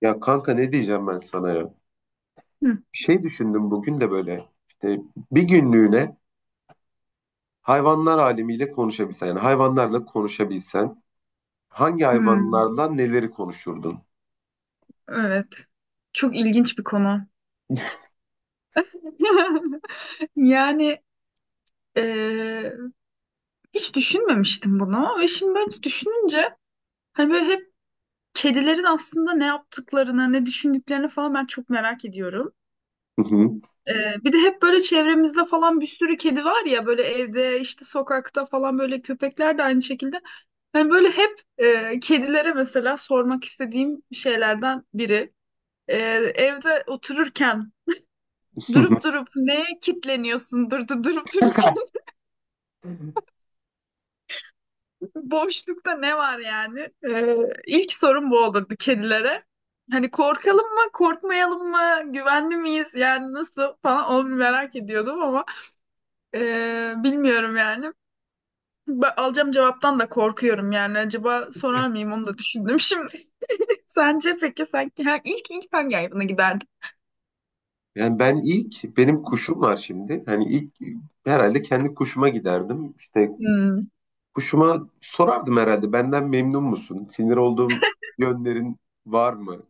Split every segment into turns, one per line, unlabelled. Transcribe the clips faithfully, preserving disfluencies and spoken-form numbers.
Ya kanka ne diyeceğim ben sana ya?
Hı.
Bir şey düşündüm bugün de böyle işte bir günlüğüne hayvanlar alemiyle konuşabilsen, yani hayvanlarla konuşabilsen hangi
Hmm,
hayvanlarla neleri konuşurdun?
evet. Çok ilginç bir konu. Yani eee, hiç düşünmemiştim bunu. Ve şimdi böyle düşününce hani böyle hep kedilerin aslında ne yaptıklarını, ne düşündüklerini falan ben çok merak ediyorum.
Hı hı.
Eee, bir de hep böyle çevremizde falan bir sürü kedi var ya böyle evde işte sokakta falan böyle köpekler de aynı şekilde. Hani böyle hep eee, kedilere mesela sormak istediğim şeylerden biri. Eee, evde otururken durup durup neye kitleniyorsun? Dur, dur- durup dururken boşlukta ne var yani? Ee, ilk sorum bu olurdu kedilere. Hani korkalım mı, korkmayalım mı, güvenli miyiz? Yani nasıl falan onu bir merak ediyordum ama ee, bilmiyorum yani. Ben alacağım cevaptan da korkuyorum yani. Acaba sorar mıyım onu da düşündüm şimdi. Sence peki sen ha, ilk ilk hangi hayvana giderdin?
Yani ben ilk, benim kuşum var şimdi. Hani ilk herhalde kendi kuşuma giderdim. İşte
Hmm.
kuşuma sorardım herhalde, benden memnun musun? Sinir olduğum yönlerin var mı?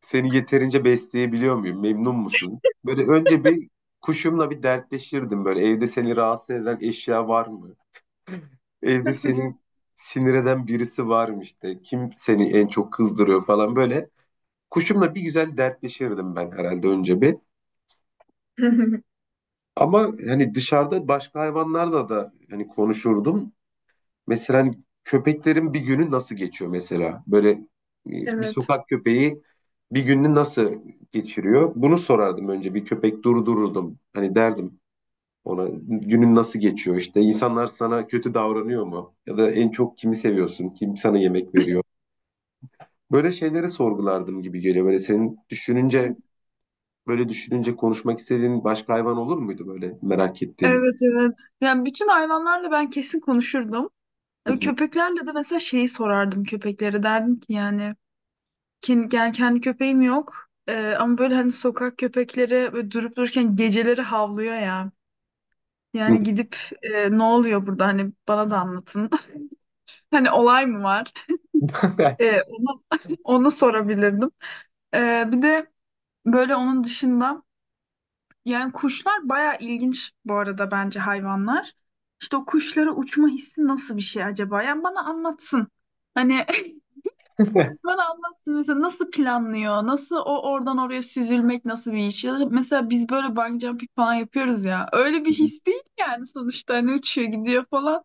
Seni yeterince besleyebiliyor muyum? Memnun musun? Böyle önce bir kuşumla bir dertleşirdim böyle. Evde seni rahatsız eden eşya var mı? Evde seni sinir eden birisi var mı işte? Kim seni en çok kızdırıyor falan böyle. Kuşumla bir güzel dertleşirdim ben herhalde önce bir. Ama hani dışarıda başka hayvanlarla da hani konuşurdum. Mesela hani köpeklerin bir günü nasıl geçiyor mesela? Böyle e, bir
Evet.
sokak köpeği bir gününü nasıl geçiriyor? Bunu sorardım, önce bir köpek durdururdum. Hani derdim ona, günün nasıl geçiyor, işte insanlar sana kötü davranıyor mu? Ya da en çok kimi seviyorsun? Kim sana yemek veriyor? Böyle şeyleri sorgulardım gibi geliyor. Böyle senin düşününce, böyle düşününce konuşmak istediğin başka hayvan olur muydu böyle merak ettiğin?
Evet, evet. Yani bütün hayvanlarla ben kesin konuşurdum. E, Köpeklerle de mesela şeyi sorardım, köpeklere derdim ki yani kendi, yani kendi köpeğim yok. E, ama böyle hani sokak köpekleri böyle durup dururken geceleri havlıyor ya. Yani gidip e, ne oluyor burada, hani bana da anlatın. Hani olay mı var? E, onu, onu sorabilirdim. E, bir de böyle onun dışında yani kuşlar baya ilginç bu arada bence hayvanlar. İşte o kuşlara uçma hissi nasıl bir şey acaba? Yani bana anlatsın. Hani bana anlatsın, mesela nasıl planlıyor? Nasıl o oradan oraya süzülmek nasıl bir iş? Ya da mesela biz böyle bungee jumping falan yapıyoruz ya. Öyle bir his değil yani sonuçta, hani uçuyor gidiyor falan.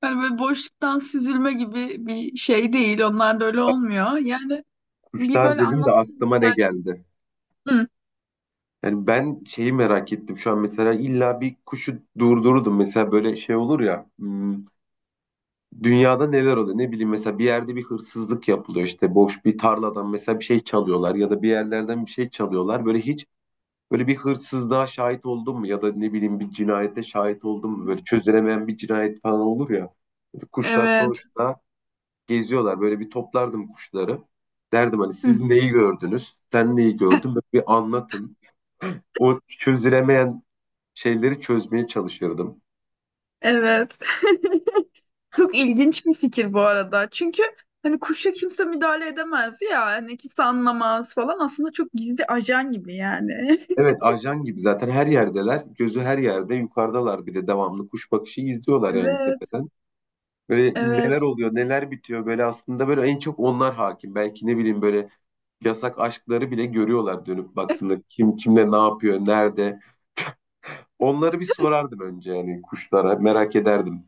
Hani böyle boşluktan süzülme gibi bir şey değil. Onlar da öyle olmuyor. Yani bir
Kuşlar
böyle
dedim de
anlatsın
aklıma ne
ister.
geldi?
Hı.
Yani ben şeyi merak ettim şu an. Mesela illa bir kuşu durdururdum, mesela böyle şey olur ya, hmm, dünyada neler oluyor ne bileyim, mesela bir yerde bir hırsızlık yapılıyor, işte boş bir tarladan mesela bir şey çalıyorlar ya da bir yerlerden bir şey çalıyorlar, böyle hiç böyle bir hırsızlığa şahit oldun mu, ya da ne bileyim bir cinayete şahit oldun mu, böyle çözülemeyen bir cinayet falan olur ya. Böyle kuşlar
Evet.
sonuçta geziyorlar, böyle bir toplardım kuşları, derdim hani
Hı.
siz neyi gördünüz, sen neyi gördün, böyle bir anlatın o çözülemeyen şeyleri, çözmeye çalışırdım.
Evet. Çok ilginç bir fikir bu arada. Çünkü hani kuşa kimse müdahale edemez ya. Hani kimse anlamaz falan. Aslında çok gizli ajan gibi yani.
Evet, ajan gibi zaten her yerdeler. Gözü her yerde, yukarıdalar, bir de devamlı kuş bakışı izliyorlar yani
Evet.
tepeden. Böyle neler
Evet,
oluyor neler bitiyor, böyle aslında böyle en çok onlar hakim. Belki ne bileyim, böyle yasak aşkları bile görüyorlar dönüp baktığında, kim kimle ne yapıyor nerede. Onları bir sorardım önce, yani kuşlara merak ederdim.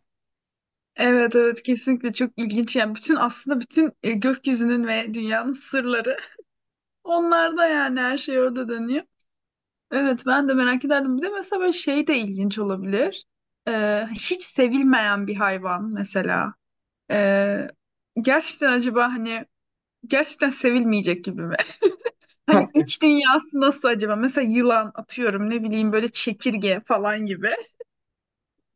evet, evet, kesinlikle çok ilginç. Yani bütün aslında bütün e, gökyüzünün ve dünyanın sırları onlarda, yani her şey orada dönüyor. Evet, ben de merak ederdim. Bir de mesela böyle şey de ilginç olabilir. Ee, hiç sevilmeyen bir hayvan mesela. Ee, Gerçekten acaba hani gerçekten sevilmeyecek gibi mi? Hani iç dünyası nasıl acaba? Mesela yılan, atıyorum, ne bileyim, böyle çekirge falan gibi.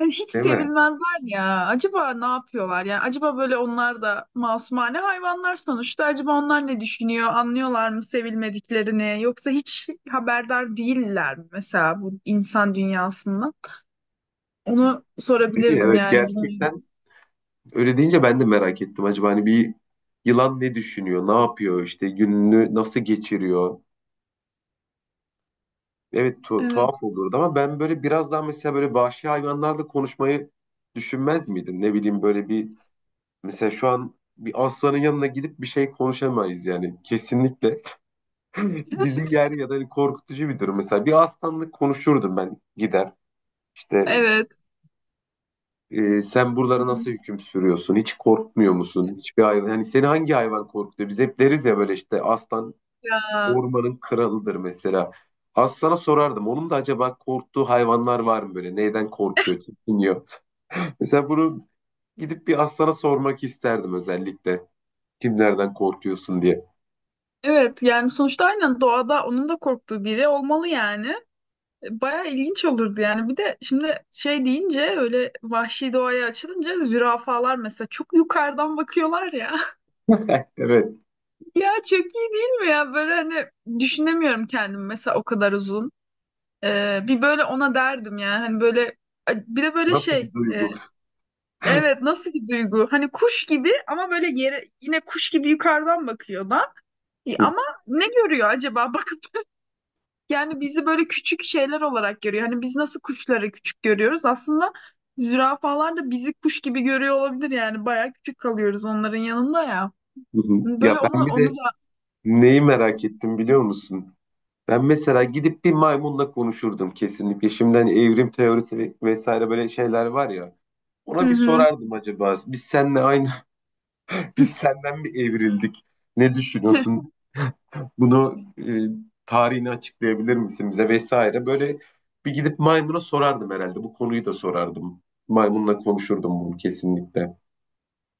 Ya hiç
Değil mi?
sevilmezler ya. Acaba ne yapıyorlar? Yani acaba böyle onlar da masumane hayvanlar sonuçta. Acaba onlar ne düşünüyor? Anlıyorlar mı sevilmediklerini? Yoksa hiç haberdar değiller mi mesela bu insan dünyasında? Onu
Değil mi?
sorabilirdim
Evet,
yani, bilmiyorum.
gerçekten öyle deyince ben de merak ettim. Acaba hani bir yılan ne düşünüyor, ne yapıyor, işte gününü nasıl geçiriyor? Evet, tu- tuhaf
Evet.
olurdu, ama ben böyle biraz daha mesela böyle vahşi hayvanlarla konuşmayı düşünmez miydin? Ne bileyim, böyle bir, mesela şu an bir aslanın yanına gidip bir şey konuşamayız yani kesinlikle. Bizi yer, ya da hani korkutucu bir durum. Mesela bir aslanla konuşurdum, ben gider işte,
Evet.
e, sen buralara nasıl hüküm sürüyorsun? Hiç korkmuyor musun? Hiçbir hayvan hani, seni hangi hayvan korkutuyor? Biz hep deriz ya böyle, işte aslan
Ya.
ormanın kralıdır mesela. Aslan'a sorardım. Onun da acaba korktuğu hayvanlar var mı böyle? Neyden korkuyor, çekiniyor? Mesela bunu gidip bir aslana sormak isterdim özellikle. Kimlerden korkuyorsun diye.
Evet, yani sonuçta aynen doğada onun da korktuğu biri olmalı yani. Baya ilginç olurdu yani. Bir de şimdi şey deyince, öyle vahşi doğaya açılınca, zürafalar mesela çok yukarıdan bakıyorlar ya.
Evet,
Ya çok iyi değil mi ya? Böyle hani düşünemiyorum kendimi mesela o kadar uzun. Ee, bir böyle ona derdim yani, hani böyle bir de böyle
nasıl
şey
bir
e,
duygu?
evet, nasıl bir duygu? Hani kuş gibi ama böyle yere yine kuş gibi yukarıdan bakıyor da. E, ama ne görüyor acaba? Bak. Yani bizi böyle küçük şeyler olarak görüyor. Hani biz nasıl kuşları küçük görüyoruz? Aslında zürafalar da bizi kuş gibi görüyor olabilir yani. Bayağı küçük kalıyoruz onların yanında ya. Hani
Ya
böyle onu
ben bir
onu
de
da.
neyi merak ettim biliyor musun? Ben mesela gidip bir maymunla konuşurdum kesinlikle. Şimdi hani evrim teorisi ve- vesaire böyle şeyler var ya.
Hı
Ona bir
hı.
sorardım acaba. Biz seninle aynı, biz senden mi evrildik? Ne düşünüyorsun? Bunu, e, tarihini açıklayabilir misin bize, vesaire. Böyle bir gidip maymuna sorardım herhalde. Bu konuyu da sorardım. Maymunla konuşurdum bunu kesinlikle.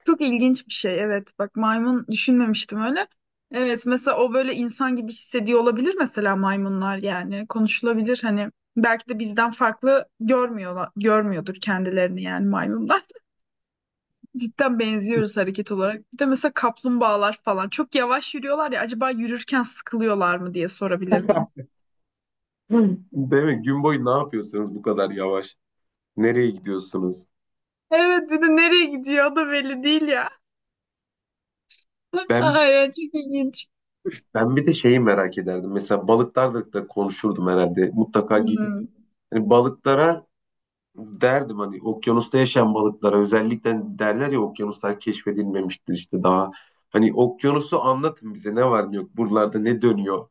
Çok ilginç bir şey. Evet. Bak, maymun düşünmemiştim öyle. Evet, mesela o böyle insan gibi hissediyor olabilir mesela, maymunlar yani konuşulabilir, hani belki de bizden farklı görmüyorlar, görmüyordur kendilerini yani maymunlar. Cidden benziyoruz hareket olarak. Bir de mesela kaplumbağalar falan. Çok yavaş yürüyorlar ya, acaba yürürken sıkılıyorlar mı diye sorabilirdim.
Hı. Değil mi? Gün boyu ne yapıyorsunuz bu kadar yavaş? Nereye gidiyorsunuz?
Evet, bir de nereye gidiyor o da belli değil ya.
Ben
Ay ya, çok ilginç.
ben bir de şeyi merak ederdim. Mesela balıklarla da konuşurdum herhalde. Mutlaka gidip
Hmm.
hani balıklara derdim, hani okyanusta yaşayan balıklara özellikle, derler ya okyanuslar keşfedilmemiştir işte daha. Hani okyanusu anlatın bize, ne var ne yok buralarda, ne dönüyor.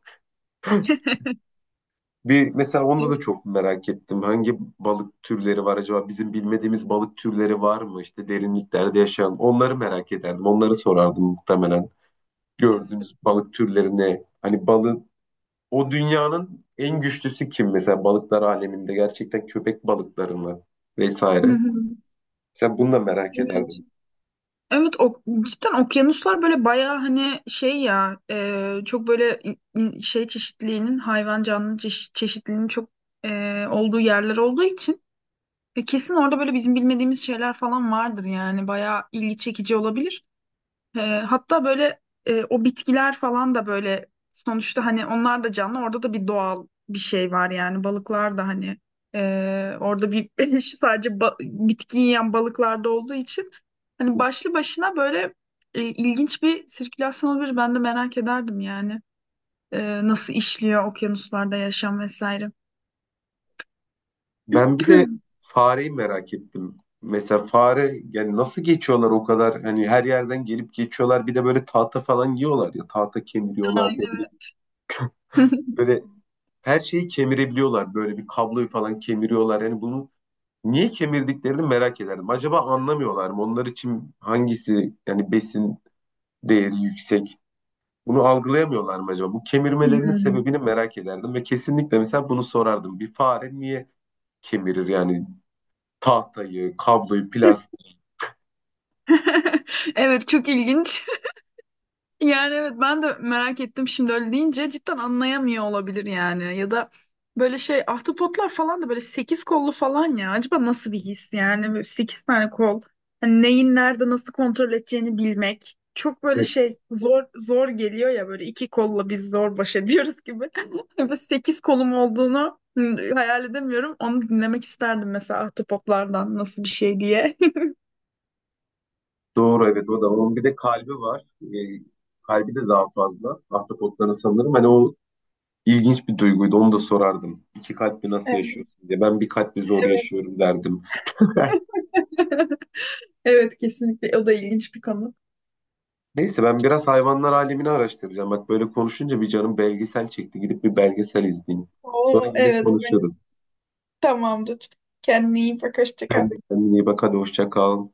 Bir mesela onda
Evet.
da çok merak ettim. Hangi balık türleri var acaba? Bizim bilmediğimiz balık türleri var mı? İşte derinliklerde yaşayan. Onları merak ederdim. Onları sorardım muhtemelen.
Evet.
Gördüğünüz balık türleri ne? Hani balık o dünyanın en güçlüsü kim mesela balıklar aleminde? Gerçekten köpek balıkları mı? Vesaire.
Hı hı.
Mesela bunu da merak
Evet.
ederdim.
Evet, o, cidden okyanuslar böyle bayağı hani şey ya, e, çok böyle i- i- şey çeşitliliğinin, hayvan canlı çeşi- çeşitliliğinin çok e, olduğu yerler olduğu için E, kesin orada böyle bizim bilmediğimiz şeyler falan vardır yani, bayağı ilgi çekici olabilir. E, hatta böyle e, o bitkiler falan da böyle sonuçta hani onlar da canlı, orada da bir doğal bir şey var yani, balıklar da hani e, orada bir sadece ba- bitki yiyen balıklarda olduğu için hani başlı başına böyle e, ilginç bir sirkülasyon olabilir. Ben de merak ederdim yani. E, nasıl işliyor okyanuslarda yaşam vesaire.
Ben bir de fareyi merak ettim. Mesela fare, yani nasıl geçiyorlar o kadar, hani her yerden gelip geçiyorlar, bir de böyle tahta falan yiyorlar ya, tahta kemiriyorlar
Ay,
ne bileyim.
evet.
Böyle her şeyi kemirebiliyorlar, böyle bir kabloyu falan kemiriyorlar, yani bunu niye kemirdiklerini merak ederdim. Acaba anlamıyorlar mı? Onlar için hangisi yani besin değeri yüksek? Bunu algılayamıyorlar mı acaba? Bu kemirmelerinin
Hmm.
sebebini merak ederdim ve kesinlikle mesela bunu sorardım. Bir fare niye kemirir yani tahtayı, kabloyu, plastiği?
Evet, çok ilginç. Yani evet, ben de merak ettim şimdi öyle deyince, cidden anlayamıyor olabilir yani. Ya da böyle şey, ahtapotlar falan da böyle sekiz kollu falan ya. Acaba nasıl bir his yani, böyle sekiz tane kol. Hani neyin nerede nasıl kontrol edeceğini bilmek. Çok böyle
Evet,
şey zor, zor geliyor ya, böyle iki kolla biz zor baş ediyoruz gibi. Böyle sekiz kolum olduğunu hı, hayal edemiyorum. Onu dinlemek isterdim mesela, ahtapotlardan nasıl bir şey diye.
doğru, evet o da. Onun bir de kalbi var. Ee, Kalbi de daha fazla. Ahtapotların sanırım. Hani o ilginç bir duyguydu. Onu da sorardım. İki kalpli nasıl
Evet,
yaşıyorsun diye. Ben bir kalpli zor
evet.
yaşıyorum derdim.
Evet, kesinlikle. O da ilginç bir konu.
Neyse, ben biraz hayvanlar alemini araştıracağım. Bak böyle konuşunca bir canım belgesel çekti. Gidip bir belgesel izleyeyim. Sonra
Oo,
yine
evet, benim
konuşuruz.
tamamdır. Kendine iyi bak, hoşça
Sen
kal.
de kendine iyi bak. Hadi hoşça kal.